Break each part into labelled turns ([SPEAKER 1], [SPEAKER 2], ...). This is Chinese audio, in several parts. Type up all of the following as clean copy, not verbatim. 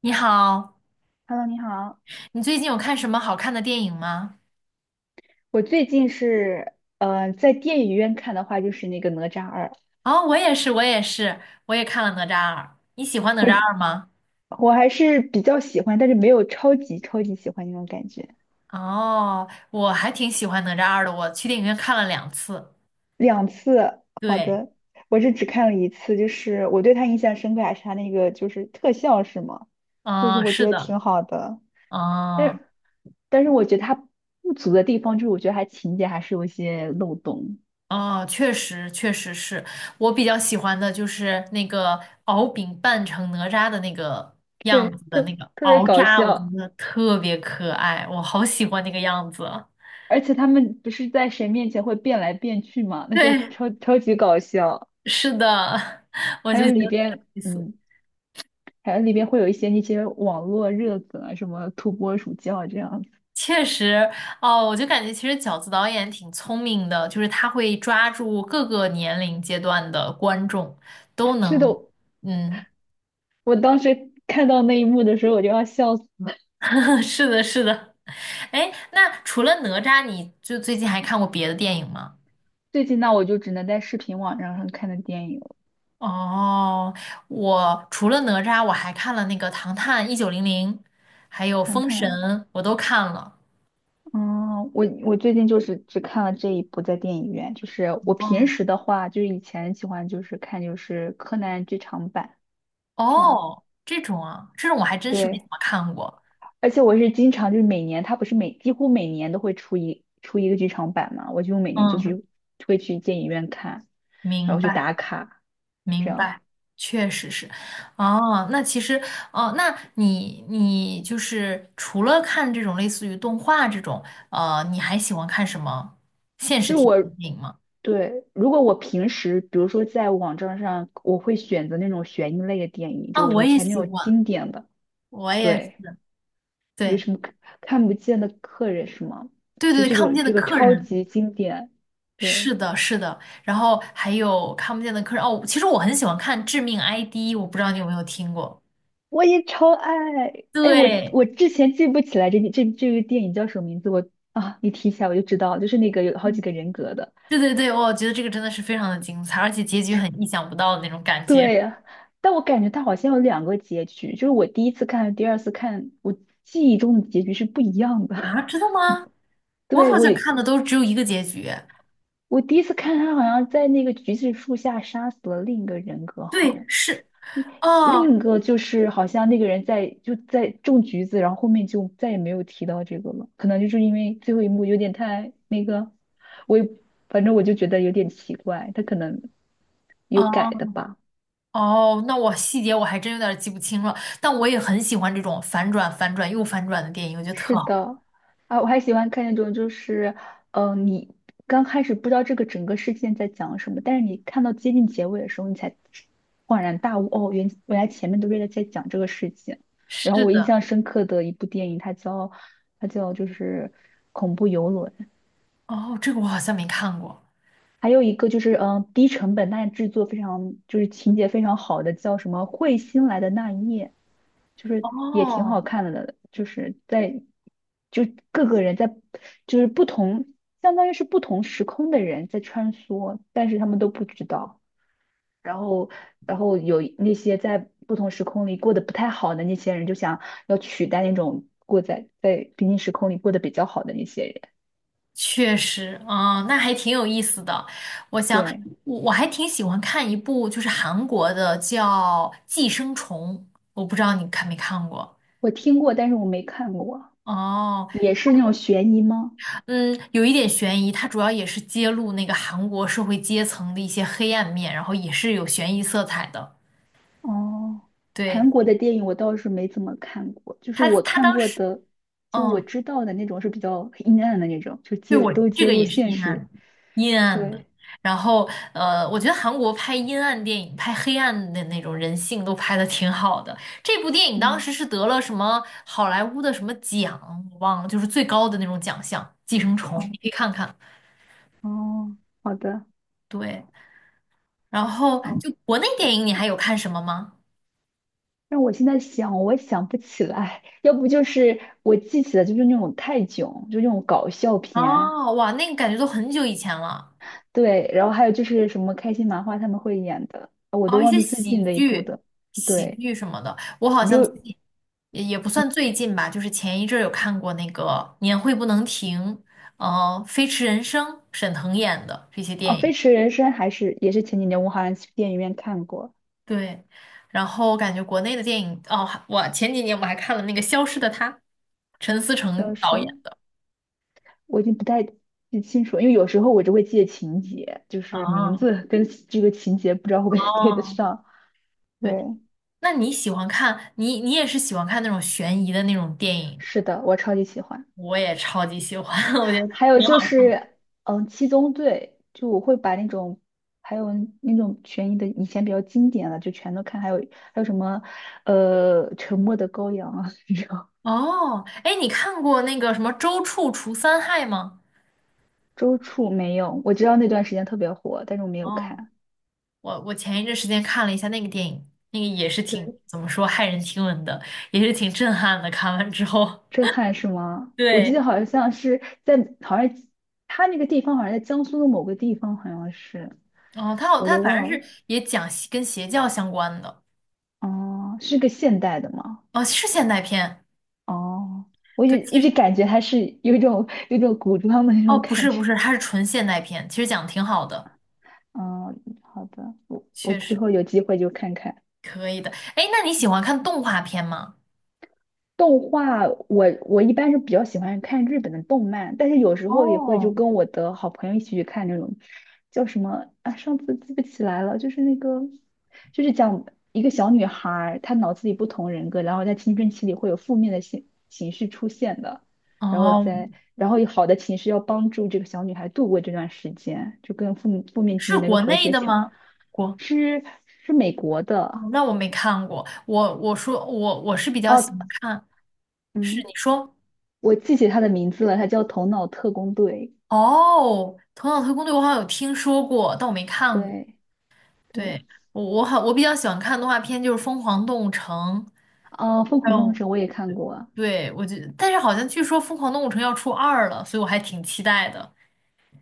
[SPEAKER 1] 你好，
[SPEAKER 2] Hello，你好。
[SPEAKER 1] 你最近有看什么好看的电影吗？
[SPEAKER 2] 我最近是，在电影院看的话，就是那个《哪吒二》，
[SPEAKER 1] 哦，我也是，我也是，我也看了《哪吒二》。你喜欢哪吒
[SPEAKER 2] 我
[SPEAKER 1] 二吗？
[SPEAKER 2] 我还是比较喜欢，但是没有超级超级喜欢那种感觉。
[SPEAKER 1] 哦，我还挺喜欢哪吒二的，我去电影院看了2次。
[SPEAKER 2] 两次，好
[SPEAKER 1] 对，
[SPEAKER 2] 的，我是只看了一次，就是我对他印象深刻还是他那个就是特效是吗？就是
[SPEAKER 1] 嗯，
[SPEAKER 2] 我觉
[SPEAKER 1] 是
[SPEAKER 2] 得
[SPEAKER 1] 的，
[SPEAKER 2] 挺好的，但
[SPEAKER 1] 嗯，
[SPEAKER 2] 是但是我觉得他不足的地方就是我觉得他情节还是有一些漏洞，
[SPEAKER 1] 哦，确实，确实是我比较喜欢的就是那个敖丙扮成哪吒的那个样
[SPEAKER 2] 对，
[SPEAKER 1] 子的
[SPEAKER 2] 特
[SPEAKER 1] 那个
[SPEAKER 2] 特别
[SPEAKER 1] 敖
[SPEAKER 2] 搞
[SPEAKER 1] 吒，我觉
[SPEAKER 2] 笑。
[SPEAKER 1] 得特别可爱，我好喜欢那个样子。
[SPEAKER 2] 而且他们不是在谁面前会变来变去吗？那时候
[SPEAKER 1] 对，
[SPEAKER 2] 超超级搞笑。
[SPEAKER 1] 是的，我
[SPEAKER 2] 还
[SPEAKER 1] 就
[SPEAKER 2] 有
[SPEAKER 1] 觉
[SPEAKER 2] 里
[SPEAKER 1] 得挺
[SPEAKER 2] 边，
[SPEAKER 1] 有意思。
[SPEAKER 2] 还有里边会有一些那些网络热梗啊，什么土拨鼠叫啊这样子。
[SPEAKER 1] 确实，哦，我就感觉其实饺子导演挺聪明的，就是他会抓住各个年龄阶段的观众，都
[SPEAKER 2] 是的，
[SPEAKER 1] 能，嗯，
[SPEAKER 2] 我当时看到那一幕的时候，我就要笑死了。
[SPEAKER 1] 是的，是的。哎，那除了哪吒，你就最近还看过别的电影吗？
[SPEAKER 2] 最近那我就只能在视频网站上看的电影了，
[SPEAKER 1] 哦，我除了哪吒，我还看了那个《唐探一九零零》，还有
[SPEAKER 2] 看
[SPEAKER 1] 《封神》，
[SPEAKER 2] 看。
[SPEAKER 1] 我都看了。
[SPEAKER 2] 嗯，我最近就是只看了这一部在电影院，就是我平
[SPEAKER 1] 哦，
[SPEAKER 2] 时的话，就是以前喜欢就是看就是柯南剧场版这样，
[SPEAKER 1] 哦，这种啊，这种我还真是没怎
[SPEAKER 2] 对。
[SPEAKER 1] 么看过。
[SPEAKER 2] 而且我是经常就是每年，它不是每几乎每年都会出一个剧场版嘛，我就每年就
[SPEAKER 1] 嗯。
[SPEAKER 2] 去会去电影院看，然
[SPEAKER 1] 明
[SPEAKER 2] 后去
[SPEAKER 1] 白，
[SPEAKER 2] 打卡，这
[SPEAKER 1] 明
[SPEAKER 2] 样
[SPEAKER 1] 白，确实是。哦，那其实，哦，那你就是除了看这种类似于动画这种，你还喜欢看什么现实
[SPEAKER 2] 就是
[SPEAKER 1] 题材
[SPEAKER 2] 我
[SPEAKER 1] 电影吗？
[SPEAKER 2] 对，如果我平时比如说在网站上，我会选择那种悬疑类的电影，
[SPEAKER 1] 啊，
[SPEAKER 2] 就
[SPEAKER 1] 我
[SPEAKER 2] 以
[SPEAKER 1] 也
[SPEAKER 2] 前那
[SPEAKER 1] 喜
[SPEAKER 2] 种
[SPEAKER 1] 欢，
[SPEAKER 2] 经典的，
[SPEAKER 1] 我也
[SPEAKER 2] 对，
[SPEAKER 1] 是。
[SPEAKER 2] 有
[SPEAKER 1] 对，
[SPEAKER 2] 什么看看不见的客人是吗？
[SPEAKER 1] 对
[SPEAKER 2] 就
[SPEAKER 1] 对对，
[SPEAKER 2] 这
[SPEAKER 1] 看不
[SPEAKER 2] 种
[SPEAKER 1] 见的
[SPEAKER 2] 这个
[SPEAKER 1] 客
[SPEAKER 2] 超
[SPEAKER 1] 人，
[SPEAKER 2] 级经典，
[SPEAKER 1] 是
[SPEAKER 2] 对。
[SPEAKER 1] 的，是的。然后还有看不见的客人，哦，其实我很喜欢看《致命 ID》，我不知道你有没有听过。
[SPEAKER 2] 我也超爱。哎，我
[SPEAKER 1] 对，
[SPEAKER 2] 我之前记不起来这个电影叫什么名字，我啊，你提起来我就知道，就是那个有好几
[SPEAKER 1] 嗯，
[SPEAKER 2] 个人格的。
[SPEAKER 1] 对对对，我觉得这个真的是非常的精彩，而且结局很意想不到的那种感觉。
[SPEAKER 2] 对，但我感觉它好像有两个结局，就是我第一次看和第二次看，我记忆中的结局是不一样的。
[SPEAKER 1] 啊，真的吗？我
[SPEAKER 2] 对，
[SPEAKER 1] 好像看的都只有一个结局。
[SPEAKER 2] 我第一次看他好像在那个橘子树下杀死了另一个人格，好
[SPEAKER 1] 对，
[SPEAKER 2] 像是。
[SPEAKER 1] 是，哦
[SPEAKER 2] 另一个就是好像那个人在就在种橘子，然后后面就再也没有提到这个了，可能就是因为最后一幕有点太那个，我也反正我就觉得有点奇怪，他可能有
[SPEAKER 1] 哦
[SPEAKER 2] 改的吧。
[SPEAKER 1] 哦，那我细节我还真有点记不清了，但我也很喜欢这种反转、反转又反转的电影，我觉得特
[SPEAKER 2] 是
[SPEAKER 1] 好。
[SPEAKER 2] 的，啊，我还喜欢看那种，就是，嗯，你刚开始不知道这个整个事件在讲什么，但是你看到接近结尾的时候，你才恍然大悟，哦，原来前面都是在讲这个事情。然后
[SPEAKER 1] 是
[SPEAKER 2] 我印
[SPEAKER 1] 的，
[SPEAKER 2] 象深刻的一部电影，它叫就是《恐怖游轮》，
[SPEAKER 1] 哦，这个我好像没看过。
[SPEAKER 2] 还有一个就是，嗯，低成本但是制作非常就是情节非常好的，叫什么《彗星来的那一夜》，就是也挺好
[SPEAKER 1] 哦，
[SPEAKER 2] 看的，就是在就各个人在就是不同，相当于是不同时空的人在穿梭，但是他们都不知道。然后，然后有那些在不同时空里过得不太好的那些人，就想要取代那种过在平行时空里过得比较好的那些人。
[SPEAKER 1] 确实，啊，那还挺有意思的。我想，
[SPEAKER 2] 对，
[SPEAKER 1] 我还挺喜欢看一部就是韩国的叫《寄生虫》，我不知道你看没看过。
[SPEAKER 2] 我听过，但是我没看过。
[SPEAKER 1] 哦。
[SPEAKER 2] 也是那种悬疑吗？
[SPEAKER 1] 嗯，有一点悬疑，它主要也是揭露那个韩国社会阶层的一些黑暗面，然后也是有悬疑色彩的。
[SPEAKER 2] 哦，
[SPEAKER 1] 对，
[SPEAKER 2] 韩国的电影我倒是没怎么看过，就是
[SPEAKER 1] 他，
[SPEAKER 2] 我
[SPEAKER 1] 他
[SPEAKER 2] 看
[SPEAKER 1] 当
[SPEAKER 2] 过
[SPEAKER 1] 时，
[SPEAKER 2] 的，就我
[SPEAKER 1] 嗯，
[SPEAKER 2] 知道的那种是比较阴暗的那种，就
[SPEAKER 1] 对
[SPEAKER 2] 揭
[SPEAKER 1] 我
[SPEAKER 2] 都
[SPEAKER 1] 这
[SPEAKER 2] 揭
[SPEAKER 1] 个
[SPEAKER 2] 露
[SPEAKER 1] 也是
[SPEAKER 2] 现实。
[SPEAKER 1] 阴暗的。
[SPEAKER 2] 对，
[SPEAKER 1] 然后，我觉得韩国拍阴暗电影、拍黑暗的那种人性都拍的挺好的。这部电影当
[SPEAKER 2] 嗯，
[SPEAKER 1] 时是得了什么好莱坞的什么奖，我忘了，就是最高的那种奖项《寄生虫》，你
[SPEAKER 2] 哦
[SPEAKER 1] 可以看看。
[SPEAKER 2] 哦好的，
[SPEAKER 1] 对，然后
[SPEAKER 2] 哦，
[SPEAKER 1] 就国内电影，你还有看什么吗？
[SPEAKER 2] 让我现在想，我想不起来，要不就是我记起来就是那种泰囧，就那种搞笑片，
[SPEAKER 1] 哦，哇，那个感觉都很久以前了。
[SPEAKER 2] 对，然后还有就是什么开心麻花他们会演的，我都
[SPEAKER 1] 哦，一
[SPEAKER 2] 忘
[SPEAKER 1] 些
[SPEAKER 2] 记最近的一部的，
[SPEAKER 1] 喜
[SPEAKER 2] 对。
[SPEAKER 1] 剧什么的，我好
[SPEAKER 2] 你
[SPEAKER 1] 像最
[SPEAKER 2] 就
[SPEAKER 1] 近也不算最近吧，就是前一阵儿有看过那个《年会不能停》，呃，《飞驰人生》，沈腾演的这些
[SPEAKER 2] 哦，
[SPEAKER 1] 电
[SPEAKER 2] 《飞
[SPEAKER 1] 影。
[SPEAKER 2] 驰人生》还是也是前几年我好像去电影院看过，
[SPEAKER 1] 对，然后我感觉国内的电影，哦，还我前几年我还看了那个《消失的她》，陈思诚
[SPEAKER 2] 就
[SPEAKER 1] 导
[SPEAKER 2] 是
[SPEAKER 1] 演的。
[SPEAKER 2] 我已经不太记清楚了因为有时候我只会记得情节，就是名
[SPEAKER 1] 哦
[SPEAKER 2] 字跟这个情节不知道会不会 对得
[SPEAKER 1] 哦，
[SPEAKER 2] 上。对，
[SPEAKER 1] 对，那你喜欢看，你也是喜欢看那种悬疑的那种电影？
[SPEAKER 2] 是的，我超级喜欢。
[SPEAKER 1] 我也超级喜欢，我觉得
[SPEAKER 2] 还有
[SPEAKER 1] 挺
[SPEAKER 2] 就
[SPEAKER 1] 好看。
[SPEAKER 2] 是，嗯，《七宗罪》，就我会把那种，还有那种悬疑的以前比较经典的就全都看，还有还有什么，《沉默的羔羊》啊，这种。
[SPEAKER 1] 哦，哎，你看过那个什么《周处除三害》吗？
[SPEAKER 2] 周处没有，我知道那段时间特别火，但是我没有
[SPEAKER 1] 哦，
[SPEAKER 2] 看。
[SPEAKER 1] 我前一阵时间看了一下那个电影，那个也是挺
[SPEAKER 2] 对。
[SPEAKER 1] 怎么说骇人听闻的，也是挺震撼的。看完之后，
[SPEAKER 2] 震撼是吗？我记
[SPEAKER 1] 对，
[SPEAKER 2] 得好像是在，好像他那个地方好像在江苏的某个地方，好像是，
[SPEAKER 1] 哦，
[SPEAKER 2] 我
[SPEAKER 1] 他
[SPEAKER 2] 都
[SPEAKER 1] 反正
[SPEAKER 2] 忘了。
[SPEAKER 1] 是也讲邪跟邪教相关的，
[SPEAKER 2] 哦，是个现代的吗？
[SPEAKER 1] 哦，是现代片，
[SPEAKER 2] 哦，我一
[SPEAKER 1] 对，
[SPEAKER 2] 直
[SPEAKER 1] 其
[SPEAKER 2] 一直
[SPEAKER 1] 实
[SPEAKER 2] 感觉它是有一种古装的那
[SPEAKER 1] 哦
[SPEAKER 2] 种
[SPEAKER 1] 不
[SPEAKER 2] 感
[SPEAKER 1] 是
[SPEAKER 2] 觉。
[SPEAKER 1] 不是，它是纯现代片，其实讲的挺好的，
[SPEAKER 2] 嗯，好的，我
[SPEAKER 1] 确
[SPEAKER 2] 之
[SPEAKER 1] 实
[SPEAKER 2] 后有机会就看看。
[SPEAKER 1] 可以的。哎，那你喜欢看动画片吗？
[SPEAKER 2] 动画，我一般是比较喜欢看日本的动漫，但是有时候也会就
[SPEAKER 1] 哦，
[SPEAKER 2] 跟我的好朋友一起去看那种叫什么啊，上次记不起来了，就是那个就是讲一个小女孩儿，她脑子里不同人格，然后在青春期里会有负面的情绪出现的，然后
[SPEAKER 1] 哦，
[SPEAKER 2] 在然后有好的情绪要帮助这个小女孩度过这段时间，就跟负面情
[SPEAKER 1] 是
[SPEAKER 2] 绪能够
[SPEAKER 1] 国
[SPEAKER 2] 和
[SPEAKER 1] 内
[SPEAKER 2] 谐
[SPEAKER 1] 的
[SPEAKER 2] 相，
[SPEAKER 1] 吗？国，
[SPEAKER 2] 是美国的
[SPEAKER 1] 哦那我没看过。我说我是比较
[SPEAKER 2] 哦，
[SPEAKER 1] 喜欢看，是
[SPEAKER 2] 嗯。
[SPEAKER 1] 你说
[SPEAKER 2] 我记起他的名字了，他叫《头脑特工队》。
[SPEAKER 1] 哦，《头脑特工队》我好像有听说过，但我没看过。
[SPEAKER 2] 对对，
[SPEAKER 1] 对，我比较喜欢看动画片，就是《疯狂动物城》，
[SPEAKER 2] 哦，《疯
[SPEAKER 1] 还
[SPEAKER 2] 狂动物
[SPEAKER 1] 有
[SPEAKER 2] 城》我也看过。
[SPEAKER 1] 对我觉得，但是好像据说《疯狂动物城》要出二了，所以我还挺期待的。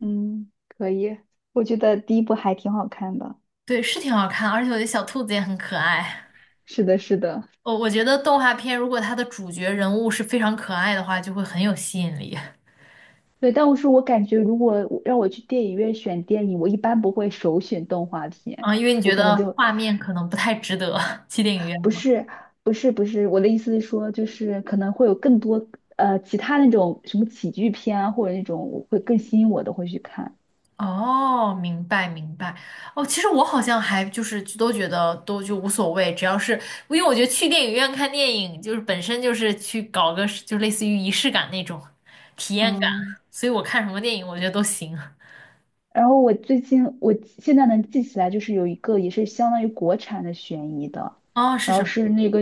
[SPEAKER 2] 嗯，可以，我觉得第一部还挺好看的。
[SPEAKER 1] 对，是挺好看，而且我觉得小兔子也很可爱。
[SPEAKER 2] 是的，是的，
[SPEAKER 1] 我觉得动画片如果它的主角人物是非常可爱的话，就会很有吸引力。
[SPEAKER 2] 对。但我是我感觉，如果我让我去电影院选电影，我一般不会首选动画片，
[SPEAKER 1] 啊，因为你
[SPEAKER 2] 我
[SPEAKER 1] 觉
[SPEAKER 2] 可能
[SPEAKER 1] 得
[SPEAKER 2] 就
[SPEAKER 1] 画面可能不太值得 去电影院
[SPEAKER 2] 不
[SPEAKER 1] 吗？
[SPEAKER 2] 是不是，我的意思是说，就是可能会有更多其他那种什么喜剧片啊，或者那种我会更吸引我的会去看。
[SPEAKER 1] 哦，明白明白。哦，其实我好像还就是都觉得都就无所谓，只要是因为我觉得去电影院看电影就是本身就是去搞个就类似于仪式感那种体验感，
[SPEAKER 2] 嗯。
[SPEAKER 1] 所以我看什么电影我觉得都行。
[SPEAKER 2] 然后我最近我现在能记起来，就是有一个也是相当于国产的悬疑的，
[SPEAKER 1] 哦，是
[SPEAKER 2] 然后
[SPEAKER 1] 什么
[SPEAKER 2] 是
[SPEAKER 1] 呀？
[SPEAKER 2] 那个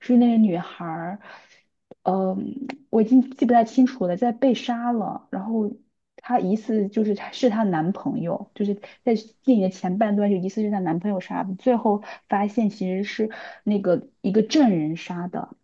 [SPEAKER 2] 是那个女孩儿，嗯，我已经记不太清楚了，在被杀了，然后她疑似就是她是她男朋友，就是在电影的前半段就疑似是她男朋友杀的，最后发现其实是那个一个证人杀的，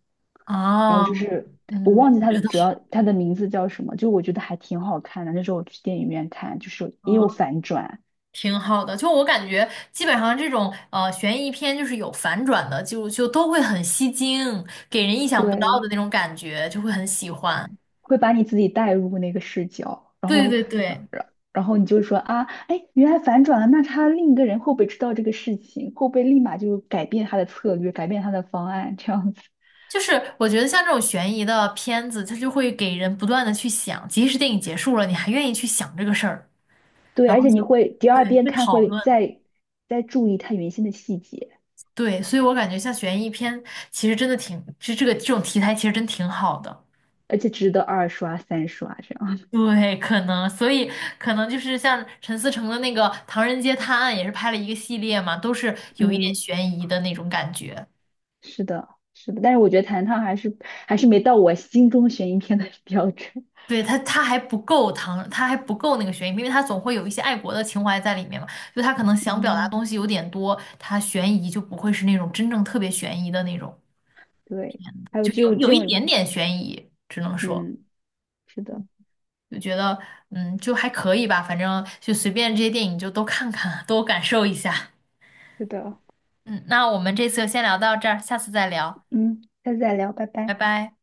[SPEAKER 2] 然后
[SPEAKER 1] 哦，
[SPEAKER 2] 就是我
[SPEAKER 1] 嗯，
[SPEAKER 2] 忘记
[SPEAKER 1] 不
[SPEAKER 2] 他的
[SPEAKER 1] 知道。
[SPEAKER 2] 主要他的名字叫什么，就我觉得还挺好看的。那时候我去电影院看，就是也有反转，
[SPEAKER 1] 挺好的，就我感觉，基本上这种悬疑片就是有反转的，就都会很吸睛，给人意想不到的
[SPEAKER 2] 对，
[SPEAKER 1] 那种感觉，就会很喜欢。
[SPEAKER 2] 会把你自己带入那个视角，然
[SPEAKER 1] 对
[SPEAKER 2] 后，
[SPEAKER 1] 对
[SPEAKER 2] 然
[SPEAKER 1] 对，
[SPEAKER 2] 然然后你就说啊，哎，原来反转了，那他另一个人会不会知道这个事情？会不会立马就改变他的策略，改变他的方案这样子？
[SPEAKER 1] 就是我觉得像这种悬疑的片子，它就会给人不断的去想，即使电影结束了，你还愿意去想这个事儿，
[SPEAKER 2] 对，
[SPEAKER 1] 然
[SPEAKER 2] 而
[SPEAKER 1] 后
[SPEAKER 2] 且
[SPEAKER 1] 就
[SPEAKER 2] 你会第二
[SPEAKER 1] 对
[SPEAKER 2] 遍
[SPEAKER 1] 会
[SPEAKER 2] 看
[SPEAKER 1] 讨
[SPEAKER 2] 会
[SPEAKER 1] 论，
[SPEAKER 2] 再注意他原先的细节，
[SPEAKER 1] 对，所以我感觉像悬疑片其实真的挺，这种题材其实真挺好的。
[SPEAKER 2] 而且值得二刷、三刷这样。
[SPEAKER 1] 对，可能，所以可能就是像陈思诚的那个《唐人街探案》，也是拍了一个系列嘛，都是 有一点
[SPEAKER 2] 嗯，
[SPEAKER 1] 悬疑的那种感觉。
[SPEAKER 2] 是的，是的，但是我觉得《弹烫》还是还是没到我心中悬疑片的 标准。
[SPEAKER 1] 对，他还不够唐，他还不够那个悬疑，因为他总会有一些爱国的情怀在里面嘛。就他可能想表达
[SPEAKER 2] 嗯，
[SPEAKER 1] 东西有点多，他悬疑就不会是那种真正特别悬疑的那种，
[SPEAKER 2] 对，还有
[SPEAKER 1] 就
[SPEAKER 2] 这
[SPEAKER 1] 有
[SPEAKER 2] 种这
[SPEAKER 1] 有一
[SPEAKER 2] 种，
[SPEAKER 1] 点点悬疑，只能说
[SPEAKER 2] 嗯，是的，
[SPEAKER 1] 就觉得就还可以吧，反正就随便这些电影就都看看，都感受一下。
[SPEAKER 2] 是的。
[SPEAKER 1] 嗯，那我们这次就先聊到这儿，下次再聊。
[SPEAKER 2] 嗯，下次再聊，拜
[SPEAKER 1] 拜
[SPEAKER 2] 拜。
[SPEAKER 1] 拜。